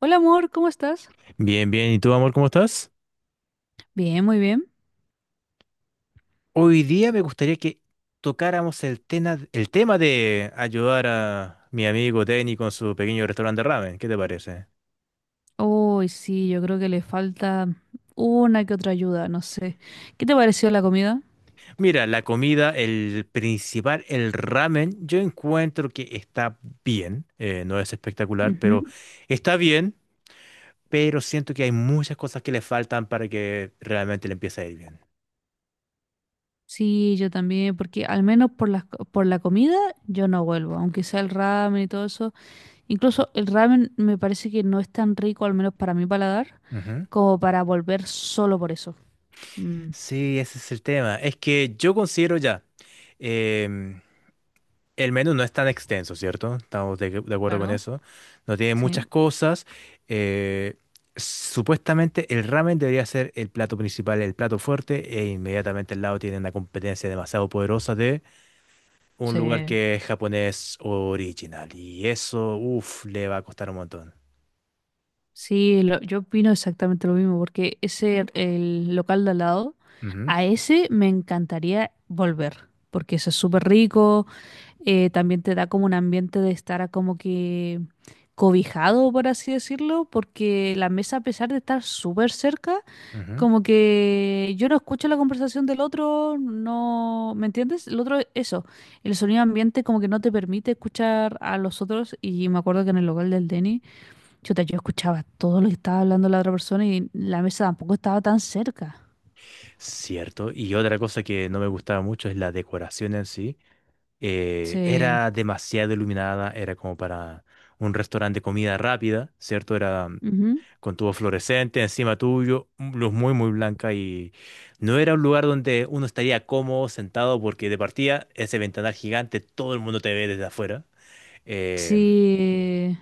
Hola amor, ¿cómo estás? Bien, bien. ¿Y tú, amor, cómo estás? Bien, muy bien. Hoy día me gustaría que tocáramos el tema de ayudar a mi amigo Denny con su pequeño restaurante de ramen. ¿Qué te parece? Uy, sí, yo creo que le falta una que otra ayuda, no sé. ¿Qué te pareció la comida? Mira, la comida, el principal, el ramen, yo encuentro que está bien. No es espectacular, pero Ujú. está bien. Pero siento que hay muchas cosas que le faltan para que realmente le empiece a ir bien. Sí, yo también, porque al menos por la comida yo no vuelvo, aunque sea el ramen y todo eso. Incluso el ramen me parece que no es tan rico, al menos para mi paladar, Ujú. como para volver solo por eso. Mm, Sí, ese es el tema. Es que yo considero ya. em, El menú no es tan extenso, ¿cierto? Estamos de acuerdo con claro, eso. No tiene sí, muchas cosas. eh, Supuestamente el ramen debería ser el plato principal, el plato fuerte, e inmediatamente al lado tienen una competencia demasiado poderosa de un sí. lugar que es japonés original. Y eso, uff, le va a costar un montón. Sí, yo opino exactamente lo mismo, porque ese, el local de al lado, Ujú, a ese me encantaría volver, porque eso es súper rico, también te da como un ambiente de estar a como que cobijado, por así decirlo, porque la mesa, a pesar de estar súper cerca, ujú. como que yo no escucho la conversación del otro, no, ¿me entiendes? El otro, eso, el sonido ambiente como que no te permite escuchar a los otros, y me acuerdo que en el local del Denny, Chuta, yo escuchaba todo lo que estaba hablando la otra persona y la mesa tampoco estaba tan cerca. Cierto. Y otra cosa que no me gustaba mucho es la decoración en sí. Sí. Era demasiado iluminada, era como para un restaurante de comida rápida, ¿cierto? Era Ujú, con tubo fluorescente encima tuyo, luz muy, muy blanca y no era un lugar donde uno estaría cómodo sentado porque de partida ese ventanal gigante, todo el mundo te ve desde afuera. Eh, sí,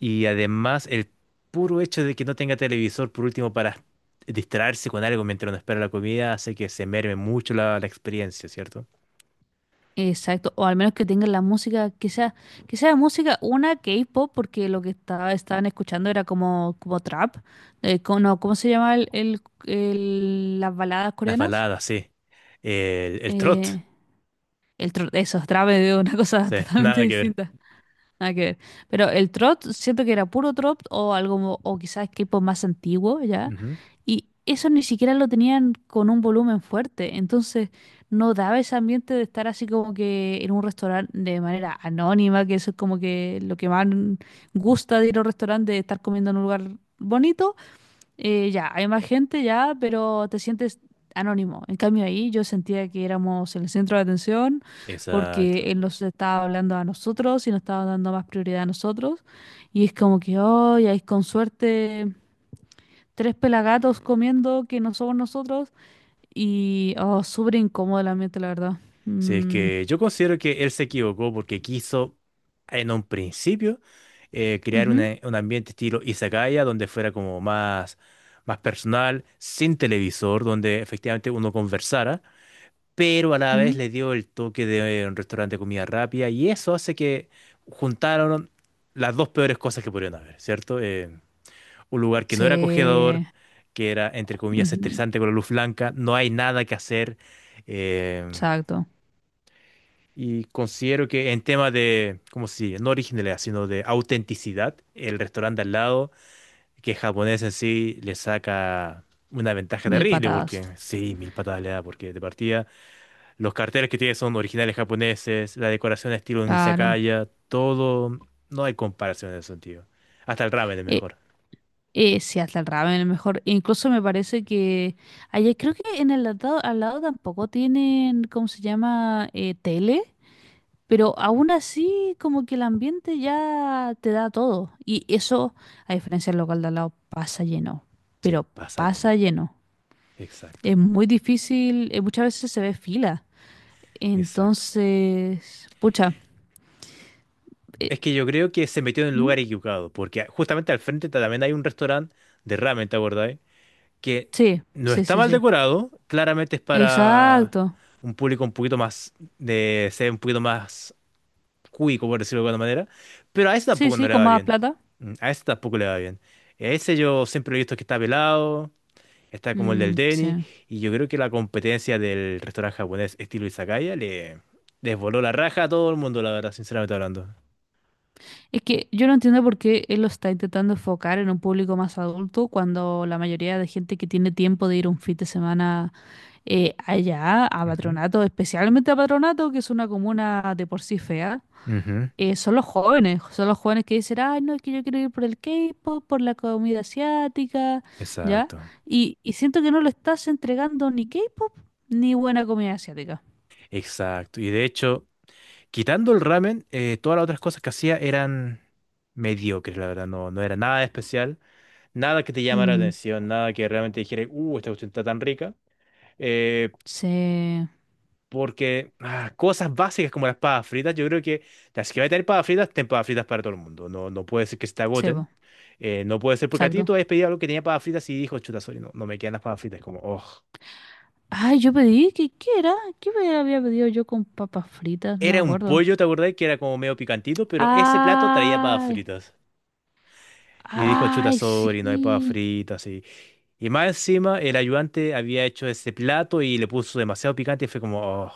y además el puro hecho de que no tenga televisor, por último, para distraerse con algo mientras uno espera la comida, hace que se merme mucho la experiencia, ¿cierto? exacto. O al menos que tengan la música, que sea música una K-pop, porque estaban escuchando era como trap. No, ¿cómo se llama las baladas Las coreanas? baladas, sí. El trot. Eh, eso, trap es una cosa Sí, totalmente nada que ver. distinta. Nada que ver. Pero el trot, siento que era puro trot o algo, o quizás equipo más antiguo, ¿ya? Ujú. Y eso ni siquiera lo tenían con un volumen fuerte. Entonces, no daba ese ambiente de estar así como que en un restaurante de manera anónima, que eso es como que lo que más gusta de ir a un restaurante, de estar comiendo en un lugar bonito, ya, hay más gente ya, pero te sientes anónimo. En cambio ahí yo sentía que éramos el centro de atención Exacto. porque él nos estaba hablando a nosotros y nos estaba dando más prioridad a nosotros. Y es como que, hoy hay con suerte tres pelagatos comiendo que no somos nosotros. Y, oh, súper incómodo el ambiente, la verdad. Sí, es Mm, que yo considero que él se equivocó porque quiso en un principio crear ujú, un ambiente estilo izakaya donde fuera como más, más personal, sin televisor, donde efectivamente uno conversara, pero a la vez ujú. le dio el toque de un restaurante de comida rápida y eso hace que juntaron las dos peores cosas que pudieron haber, ¿cierto? Un lugar que no era acogedor, Sí, que era, entre comillas, ujú, estresante con la luz blanca, no hay nada que hacer. em, exacto. y considero que en tema de, ¿cómo se dice? No originalidad, sino de autenticidad, el restaurante al lado, que es japonés en sí, le saca una ventaja Mil terrible, porque patadas. sí, mil patadas le da, porque de partida los carteles que tiene son originales japoneses, la decoración estilo Claro. izakaya, todo, no hay comparación en ese sentido. Hasta el ramen es Eh, mejor. Sí, hasta el ramen es mejor. Incluso me parece que allá creo que en el lado, al lado tampoco tienen, ¿cómo se llama? Tele, pero aún así como que el ambiente ya te da todo. Y eso, a diferencia del local de al lado, pasa lleno, Sí, pero pasa pasa llena. lleno. Exacto, Es muy difícil, muchas veces se ve fila. exacto. Entonces, pucha, eh, Es que yo creo que se metió en el ¿mm? lugar equivocado, porque justamente al frente también hay un restaurante de ramen, ¿te acordáis? Que Sí, no sí, está sí, mal sí. decorado, claramente es para Exacto. un público un poquito más de ser un poquito más cuico, por decirlo de alguna manera, pero a ese Sí, tampoco no sí, le con va más bien. plata. Mm. A ese tampoco le va bien. Ese yo siempre lo he visto que está pelado, está como el del Mm, Denny, sí. y yo creo que la competencia del restaurante japonés estilo Izakaya le les voló la raja a todo el mundo, la verdad, sinceramente hablando. Es que yo no entiendo por qué él lo está intentando enfocar en un público más adulto cuando la mayoría de gente que tiene tiempo de ir un fin de semana, allá a Ujú. Patronato, especialmente a Patronato, que es una comuna de por sí fea, Ujú. Son los jóvenes que dicen, ay, no, es que yo quiero ir por el K-pop, por la comida asiática, ¿ya? Exacto, Y siento que no lo estás entregando ni K-pop ni buena comida asiática. exacto. Y de hecho, quitando el ramen, todas las otras cosas que hacía eran mediocres, la verdad. No, no era nada especial, nada que te llamara la Mm, atención, nada que realmente dijera, esta cuestión está tan rica. Eh, sí, Porque ah, cosas básicas como las papas fritas, yo creo que las que va a tener papas fritas, ten papas fritas para todo el mundo. No puede ser que se te sí, agoten. po, No puede ser porque a ti tú exacto. habías pedido algo que tenía papas fritas y dijo, chuta, sorry, no me quedan las papas fritas. Como, oh. Ay, yo pedí, ¿qué era? ¿Qué me había pedido yo con papas fritas? No me Era un acuerdo. pollo, ¿te acordás? Que era como medio picantito, pero ese plato traía papas Ay, fritas. Y dijo, chuta, ay, sorry, no hay papas sí. fritas. Y más encima, el ayudante había hecho ese plato y le puso demasiado picante y fue como, oh,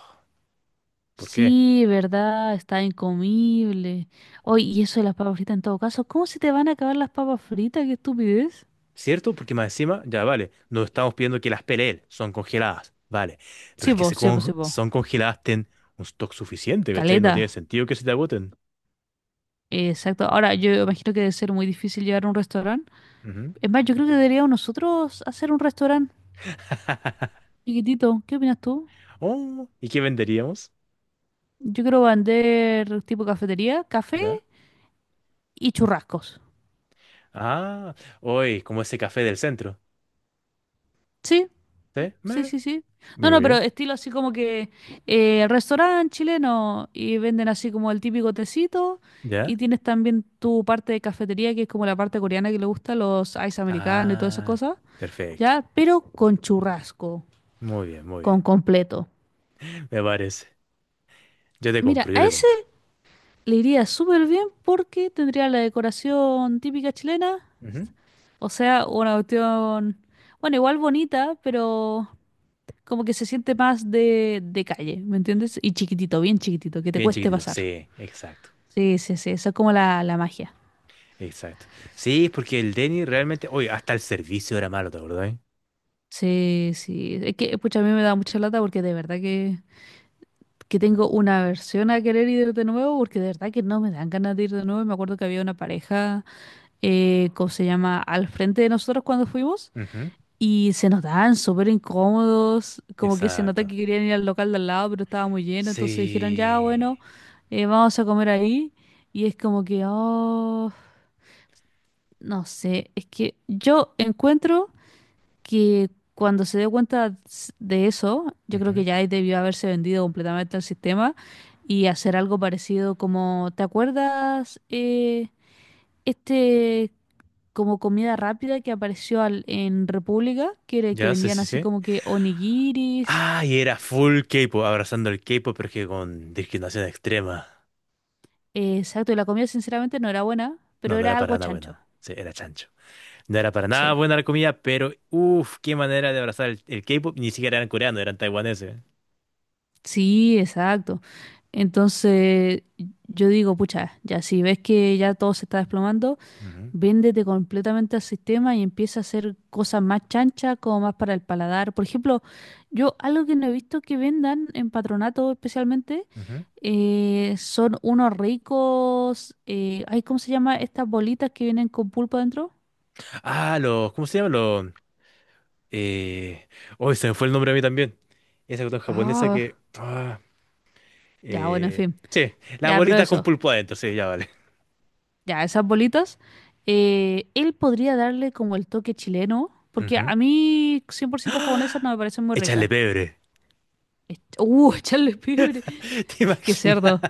¿por qué? Sí, verdad, está incomible. Oye, y eso de las papas fritas en todo caso, ¿cómo se te van a acabar las papas fritas? ¡Qué estupidez! ¿Cierto? Porque más encima, ya vale, no estamos pidiendo que las pelee él, son congeladas, vale. Pero Sí, es que se vos, sí, vos, sí, con- vos. son congeladas, ten un stock suficiente, ¿cachai? No tiene Caleta. sentido que se te agoten. Exacto. Ahora, yo imagino que debe ser muy difícil llevar a un restaurante. Ujú. Es más, yo creo que deberíamos nosotros hacer un restaurante chiquitito. ¿Qué opinas tú? Oh, ¿y qué venderíamos? Yo quiero vender tipo cafetería, café ¿Ya? y churrascos. Ah, hoy, como ese café del centro. Sí, ¿Sí? sí, Meh. sí, sí. Muy No, no, pero bien. estilo así como que, restaurante chileno y venden así como el típico tecito y ¿Ya? tienes también tu parte de cafetería que es como la parte coreana que le gusta, los ice americanos y todas esas Ah, cosas, perfecto. ya, pero con churrasco, Muy bien, muy con bien. completo. Me parece. Yo te Mira, compro, yo a te ese compro. le iría súper bien porque tendría la decoración típica chilena, Ujú. o sea, una cuestión, bueno, igual bonita, pero como que se siente más de, calle, ¿me entiendes? Y chiquitito, bien chiquitito, que te Bien cueste chiquitito. pasar. Sí, exacto. Sí, sí, sí, eso es como la magia. Exacto. Sí, porque el Denny realmente. Oye, hasta el servicio era malo, ¿te acordás? ¿Eh? Sí, sí. Es que, pucha, a mí me da mucha lata porque de verdad que tengo una aversión a querer ir de nuevo porque de verdad que no me dan ganas de ir de nuevo. Me acuerdo que había una pareja, ¿cómo se llama? Al frente de nosotros cuando fuimos. Ujú. Y se notaban súper incómodos, como que se nota Exacto. que querían ir al local de al lado, pero estaba muy lleno, entonces dijeron, ya, Sí. bueno, vamos a comer ahí. Y es como que, oh, no sé, es que yo encuentro que cuando se dio cuenta de eso, yo creo que Ujú. ya ahí debió haberse vendido completamente al sistema y hacer algo parecido como, ¿te acuerdas? Este, como comida rápida que apareció en República, que Ya, sí, vendían sí, así sí. como que onigiris. Ah, y era full K-pop, abrazando el K-pop, pero que con discriminación extrema. Exacto, y la comida sinceramente no era buena, No, pero no era era para algo nada chancho. buena. Sí, era chancho. No era para nada Sí. buena la comida, pero uff, qué manera de abrazar el K-pop. Ni siquiera eran coreanos, eran taiwaneses. Sí, exacto. Entonces, yo digo, pucha, ya si ves que ya todo se está desplomando, Ujú, véndete completamente al sistema y empieza a hacer cosas más chanchas, como más para el paladar. Por ejemplo, yo algo que no he visto que vendan en Patronato, especialmente, ujú. Son unos ricos, ay, ¿cómo se llama? Estas bolitas que vienen con pulpo dentro. Ah, los, ¿cómo se llama? Los, eh... Hoy se me fue el nombre a mí también. Esa cuestión japonesa Ah, que... ah, ya, bueno, en fin. Sí, las Ya, pero bolitas con eso, pulpo adentro, sí, ya vale. ya, esas bolitas. Él podría darle como el toque chileno, porque Ujú. a mí 100% japonesa no me parecen muy Échale ricas. pebre. Echarle pibre. ¿Te Qué imaginas? cerdo.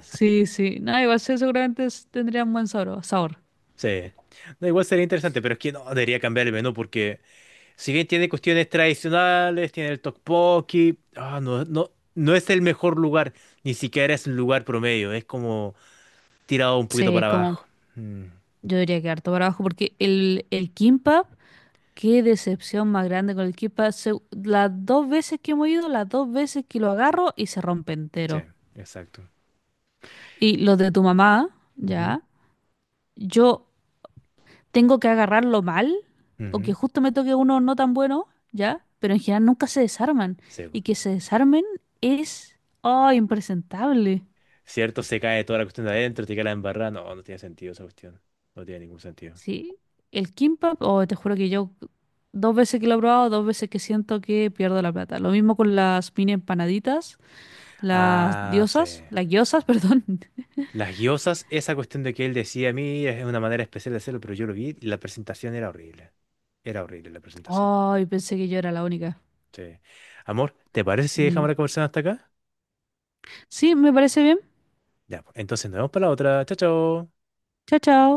Sí, sí. No, igual sí, seguramente tendría un buen sabor. Sí. No, igual sería interesante, pero es que no debería cambiar el menú porque si bien tiene cuestiones tradicionales, tiene el tteokbokki, ah, no, no, no es el mejor lugar, ni siquiera es un lugar promedio, es como tirado un poquito Sí, para como abajo. Mm, yo diría que harto para abajo, porque el kimbap, qué decepción más grande con el kimbap. Las dos veces que hemos ido, las dos veces que lo agarro y se rompe sí, entero. exacto. Y los de tu mamá, Ujú, ya. Yo tengo que agarrarlo mal o que ujú, justo me toque uno no tan bueno, ¿ya? Pero en general nunca se desarman. sí, Y po. que se desarmen es, oh, impresentable. Cierto, se cae toda la cuestión de adentro, te queda la embarrada, no, no tiene sentido esa cuestión, no tiene ningún sentido. Sí, el kimbap, oh, te juro que yo dos veces que lo he probado, dos veces que siento que pierdo la plata. Lo mismo con las mini empanaditas, las Ah, sí. diosas, las gyozas, perdón. Las guiosas, esa cuestión de que él decía a mí es una manera especial de hacerlo, pero yo lo vi y la presentación era horrible. Era horrible la presentación. Ay, pensé que yo era la única. Sí. Amor, ¿te parece si dejamos Sí. la conversación hasta acá? Sí, me parece bien. Ya, pues, entonces nos vemos para la otra. Chao, chao. Chao, chao.